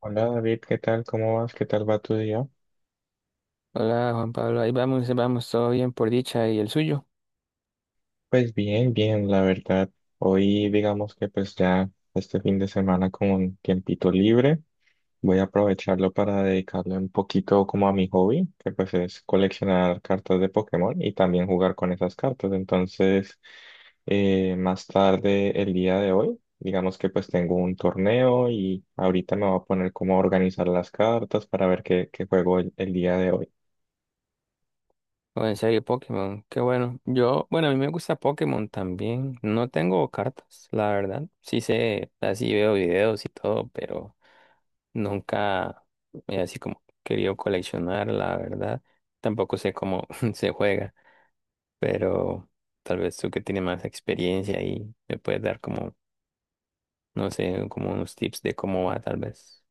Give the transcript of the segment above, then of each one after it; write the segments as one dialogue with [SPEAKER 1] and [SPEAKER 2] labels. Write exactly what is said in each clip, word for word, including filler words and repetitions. [SPEAKER 1] Hola David, ¿qué tal? ¿Cómo vas? ¿Qué tal va tu día?
[SPEAKER 2] Hola Juan Pablo, ahí vamos, ahí vamos, todo bien por dicha, ¿y el suyo?
[SPEAKER 1] Pues bien, bien, la verdad. Hoy digamos que pues ya este fin de semana con un tiempito libre, voy a aprovecharlo para dedicarle un poquito como a mi hobby, que pues es coleccionar cartas de Pokémon y también jugar con esas cartas. Entonces, eh, más tarde el día de hoy, digamos que pues tengo un torneo y ahorita me voy a poner como a organizar las cartas para ver qué, qué juego el el día de hoy.
[SPEAKER 2] O en serio, Pokémon, qué bueno. Yo, bueno, a mí me gusta Pokémon también, no tengo cartas, la verdad, sí sé, así veo videos y todo, pero nunca he así como querido coleccionar, la verdad, tampoco sé cómo se juega, pero tal vez tú que tienes más experiencia ahí me puedes dar como, no sé, como unos tips de cómo va tal vez.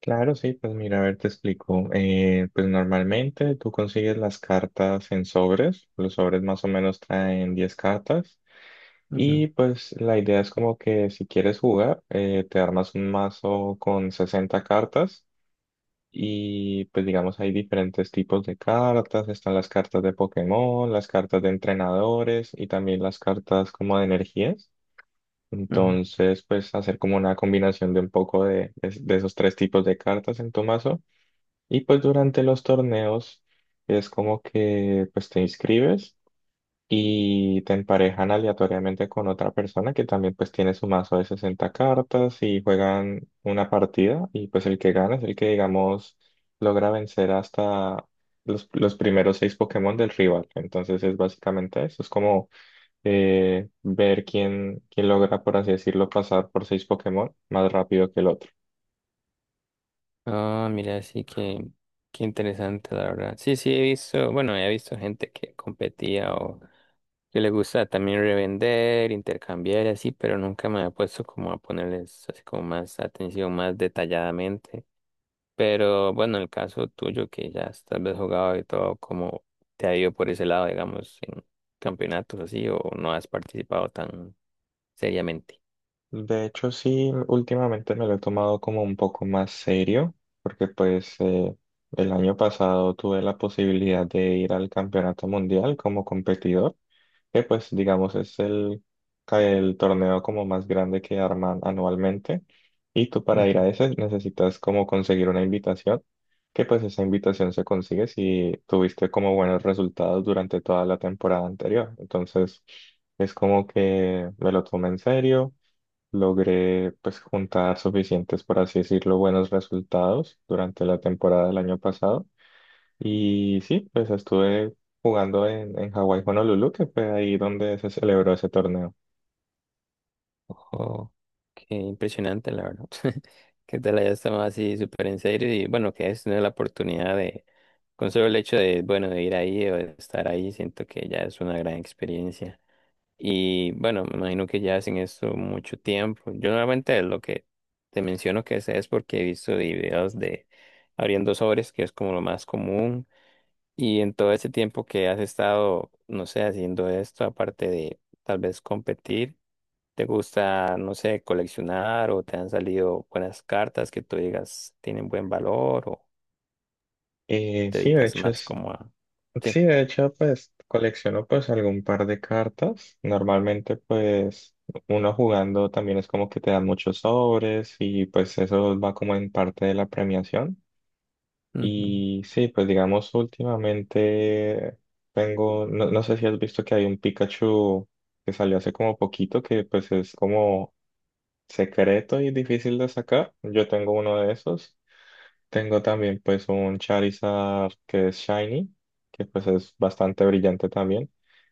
[SPEAKER 1] Claro, sí, pues mira, a ver, te explico. Eh, pues normalmente tú consigues las cartas en sobres, los sobres más o menos traen diez cartas
[SPEAKER 2] Ujú,
[SPEAKER 1] y pues la idea es como que si quieres jugar, eh, te armas un mazo con sesenta cartas y pues digamos hay diferentes tipos de cartas, están las cartas de Pokémon, las cartas de entrenadores y también las cartas como de energías.
[SPEAKER 2] ujú.
[SPEAKER 1] Entonces, pues hacer como una combinación de un poco de, de de esos tres tipos de cartas en tu mazo. Y pues durante los torneos es como que pues te inscribes y te emparejan aleatoriamente con otra persona que también pues tiene su mazo de sesenta cartas y juegan una partida y pues el que gana es el que digamos logra vencer hasta los, los primeros seis Pokémon del rival. Entonces es básicamente eso, es como eh, ver quién, quién logra por así decirlo pasar por seis Pokémon más rápido que el otro.
[SPEAKER 2] Ah, mira, sí que qué interesante, la verdad. Sí, sí, he visto, bueno, he visto gente que competía o que le gusta también revender, intercambiar y así, pero nunca me ha puesto como a ponerles así como más atención, más detalladamente. Pero bueno, el caso tuyo que ya has tal vez jugado y todo, ¿cómo te ha ido por ese lado, digamos, en campeonatos así, o no has participado tan seriamente?
[SPEAKER 1] De hecho, sí, últimamente me lo he tomado como un poco más serio, porque pues eh, el año pasado tuve la posibilidad de ir al Campeonato Mundial como competidor, que pues digamos es el, el torneo como más grande que arman anualmente. Y tú para ir a ese necesitas como conseguir una invitación, que pues esa invitación se consigue si tuviste como buenos resultados durante toda la temporada anterior. Entonces es como que me lo tomé en serio, logré pues juntar suficientes, por así decirlo, buenos resultados durante la temporada del año pasado. Y sí, pues estuve jugando en, en Hawái Honolulu, que fue ahí donde se celebró ese torneo.
[SPEAKER 2] Ojo, qué impresionante, la verdad. Que te la hayas tomado así súper en serio, y bueno, que es tener la oportunidad de, con solo el hecho de, bueno, de ir ahí o de estar ahí, siento que ya es una gran experiencia. Y bueno, me imagino que ya hacen esto mucho tiempo. Yo normalmente lo que te menciono que sé es porque he visto videos de abriendo sobres, que es como lo más común. Y en todo ese tiempo que has estado, no sé, haciendo esto, aparte de tal vez competir. ¿Te gusta, no sé, coleccionar, o te han salido buenas cartas que tú digas tienen buen valor, o
[SPEAKER 1] Eh,
[SPEAKER 2] te
[SPEAKER 1] sí, de
[SPEAKER 2] dedicas
[SPEAKER 1] hecho
[SPEAKER 2] más
[SPEAKER 1] es,
[SPEAKER 2] como a... Sí.
[SPEAKER 1] sí, de hecho pues colecciono pues algún par de cartas. Normalmente pues uno jugando también es como que te dan muchos sobres y pues eso va como en parte de la premiación.
[SPEAKER 2] Ujú,
[SPEAKER 1] Y sí, pues digamos, últimamente tengo, no, no sé si has visto que hay un Pikachu que salió hace como poquito, que pues es como secreto y difícil de sacar. Yo tengo uno de esos. Tengo también pues un Charizard que es Shiny, que pues es bastante brillante también.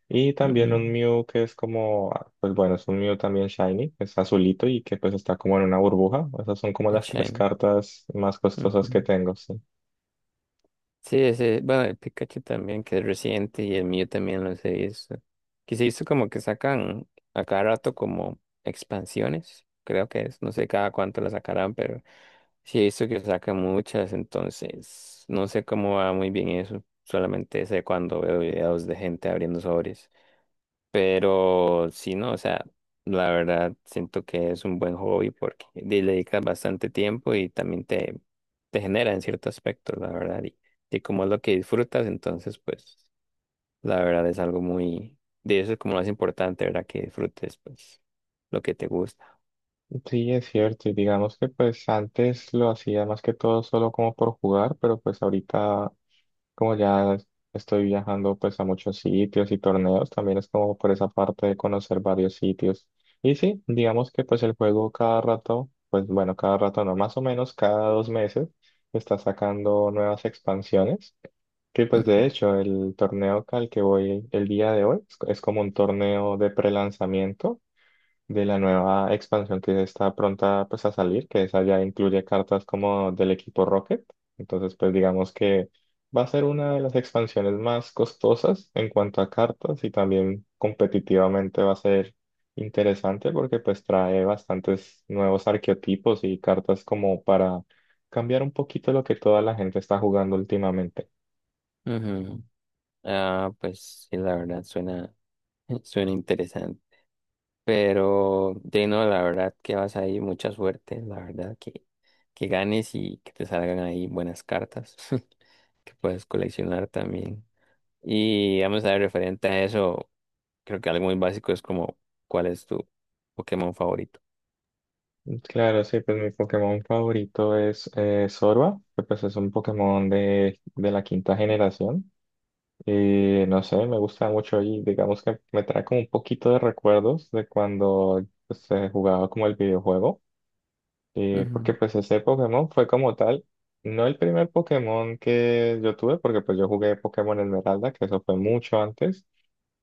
[SPEAKER 1] Y también
[SPEAKER 2] ujú,
[SPEAKER 1] un Mew que es como, ah, pues bueno, es un Mew también Shiny, es azulito y que pues está como en una burbuja. Esas son como
[SPEAKER 2] el
[SPEAKER 1] las tres
[SPEAKER 2] Shiny.
[SPEAKER 1] cartas más
[SPEAKER 2] Ujú.
[SPEAKER 1] costosas que tengo, sí.
[SPEAKER 2] Sí, sí, bueno, el Pikachu también, que es reciente, y el mío también lo he visto. Que se hizo como que sacan a cada rato como expansiones, creo que es, no sé cada cuánto la sacarán, pero sí he visto que sacan muchas, entonces no sé cómo va muy bien eso, solamente sé cuando veo videos de gente abriendo sobres. Pero sí, no, o sea, la verdad siento que es un buen hobby porque le dedicas bastante tiempo y también te, te genera en cierto aspecto, la verdad. Y, y como es lo que disfrutas, entonces, pues, la verdad es algo muy, de eso es como lo más importante, ¿verdad? Que disfrutes, pues, lo que te gusta.
[SPEAKER 1] Sí, es cierto, y digamos que pues antes lo hacía más que todo solo como por jugar, pero pues ahorita como ya es- estoy viajando pues a muchos sitios y torneos, también es como por esa parte de conocer varios sitios. Y sí, digamos que pues el juego cada rato, pues bueno, cada rato no, más o menos cada dos meses está sacando nuevas expansiones, que pues
[SPEAKER 2] Ujú,
[SPEAKER 1] de hecho el torneo al que voy el día de hoy es es como un torneo de prelanzamiento de la nueva expansión que está pronta pues a salir, que esa ya incluye cartas como del equipo Rocket. Entonces, pues digamos que va a ser una de las expansiones más costosas en cuanto a cartas y también competitivamente va a ser interesante porque pues trae bastantes nuevos arqueotipos y cartas como para cambiar un poquito lo que toda la gente está jugando últimamente.
[SPEAKER 2] ujú. Ah, pues sí, la verdad suena, suena interesante. Pero, de no, la verdad que vas ahí, mucha suerte, la verdad que, que ganes y que te salgan ahí buenas cartas que puedes coleccionar también. Y vamos a ver, referente a eso, creo que algo muy básico es como, ¿cuál es tu Pokémon favorito?
[SPEAKER 1] Claro, sí, pues mi Pokémon favorito es eh, Zorba, que pues es un Pokémon de, de la quinta generación. Y no sé, me gusta mucho y digamos que me trae como un poquito de recuerdos de cuando pues, se jugaba como el videojuego. Y porque
[SPEAKER 2] Ujú.
[SPEAKER 1] pues ese Pokémon fue como tal, no el primer Pokémon que yo tuve, porque pues yo jugué Pokémon Esmeralda, que eso fue mucho antes,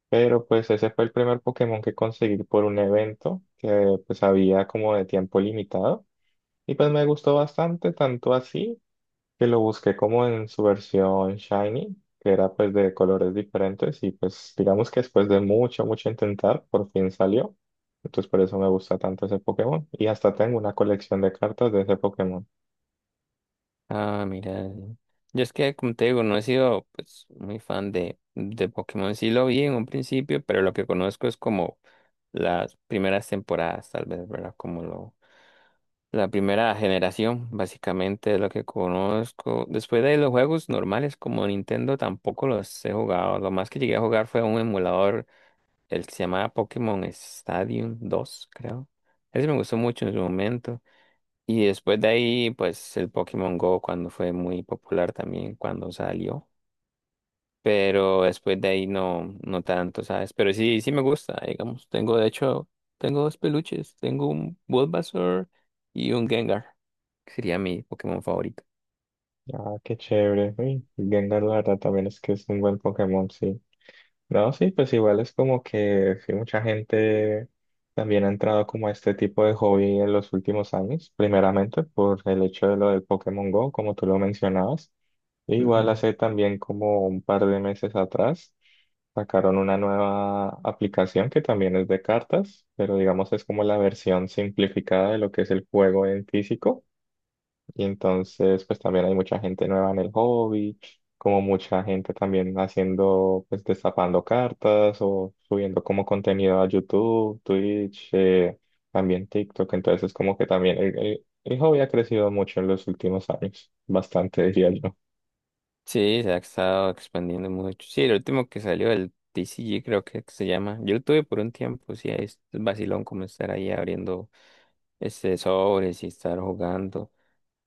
[SPEAKER 1] pero pues ese fue el primer Pokémon que conseguí por un evento que pues había como de tiempo limitado. Y pues me gustó bastante, tanto así que lo busqué como en su versión shiny, que era pues de colores diferentes y pues digamos que después de mucho, mucho intentar, por fin salió. Entonces por eso me gusta tanto ese Pokémon. Y hasta tengo una colección de cartas de ese Pokémon.
[SPEAKER 2] Ah, mira, yo es que, como te digo, no he sido pues muy fan de, de Pokémon, sí lo vi en un principio, pero lo que conozco es como las primeras temporadas, tal vez, ¿verdad? Como lo... La primera generación, básicamente, es lo que conozco. Después de los juegos normales como Nintendo, tampoco los he jugado. Lo más que llegué a jugar fue un emulador, el que se llamaba Pokémon Stadium dos, creo. Ese me gustó mucho en su momento. Y después de ahí, pues el Pokémon Go, cuando fue muy popular también, cuando salió, pero después de ahí no, no tanto, ¿sabes? Pero sí, sí me gusta, digamos. Tengo, de hecho, tengo dos peluches. Tengo un Bulbasaur y un Gengar, que sería mi Pokémon favorito.
[SPEAKER 1] Ah, qué chévere. Uy, Gengar, la verdad, también es que es un buen Pokémon, sí. No, sí, pues igual es como que sí, mucha gente también ha entrado como a este tipo de hobby en los últimos años, primeramente por el hecho de lo del Pokémon Go, como tú lo mencionabas. E igual
[SPEAKER 2] Ujú.
[SPEAKER 1] hace también como un par de meses atrás sacaron una nueva aplicación que también es de cartas, pero digamos es como la versión simplificada de lo que es el juego en físico. Y entonces, pues también hay mucha gente nueva en el hobby, como mucha gente también haciendo, pues destapando cartas o subiendo como contenido a YouTube, Twitch, eh, también TikTok. Entonces, como que también el, el el hobby ha crecido mucho en los últimos años, bastante diría yo.
[SPEAKER 2] Sí, se ha estado expandiendo mucho. Sí, el último que salió, el T C G creo que se llama. Yo lo tuve por un tiempo, sí, es vacilón como estar ahí abriendo este sobres y estar jugando.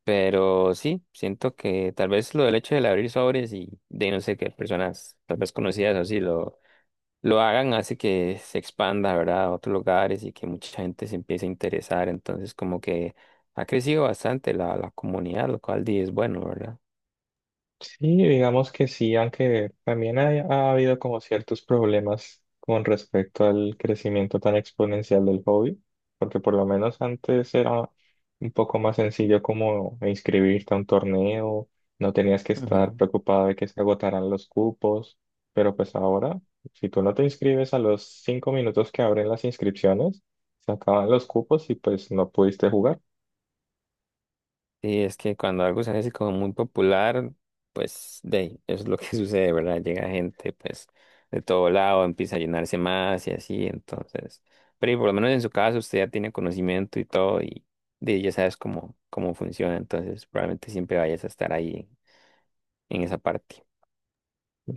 [SPEAKER 2] Pero sí, siento que tal vez lo del hecho de abrir sobres y de no sé qué personas tal vez conocidas o así lo, lo hagan hace que se expanda, ¿verdad? A otros lugares y que mucha gente se empiece a interesar. Entonces como que ha crecido bastante la, la comunidad, lo cual di es bueno, ¿verdad?
[SPEAKER 1] Sí, digamos que sí, aunque también hay- ha habido como ciertos problemas con respecto al crecimiento tan exponencial del hobby, porque por lo menos antes era un poco más sencillo como inscribirte a un torneo, no tenías que estar preocupado de que se agotaran los cupos, pero pues ahora, si tú no te inscribes a los cinco minutos que abren las inscripciones, se acaban los cupos y pues no pudiste jugar.
[SPEAKER 2] Sí, es que cuando algo se hace como muy popular, pues de ahí, eso es lo que sucede, ¿verdad? Llega gente pues de todo lado, empieza a llenarse más y así, entonces, pero y por lo menos en su caso usted ya tiene conocimiento y todo y de, ya sabes cómo, cómo funciona, entonces probablemente siempre vayas a estar ahí en, esa parte.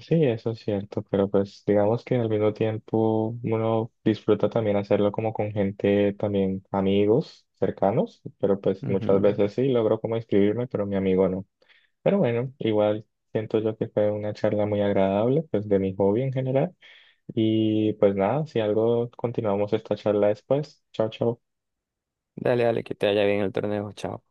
[SPEAKER 1] Sí, eso es cierto, pero pues digamos que al mismo tiempo uno disfruta también hacerlo como con gente también amigos cercanos, pero pues muchas
[SPEAKER 2] Ujú.
[SPEAKER 1] veces sí logro como inscribirme, pero mi amigo no. Pero bueno, igual siento yo que fue una charla muy agradable, pues de mi hobby en general. Y pues nada, si algo continuamos esta charla después. Chao, chao.
[SPEAKER 2] Dale, dale, que te vaya bien el torneo, chao.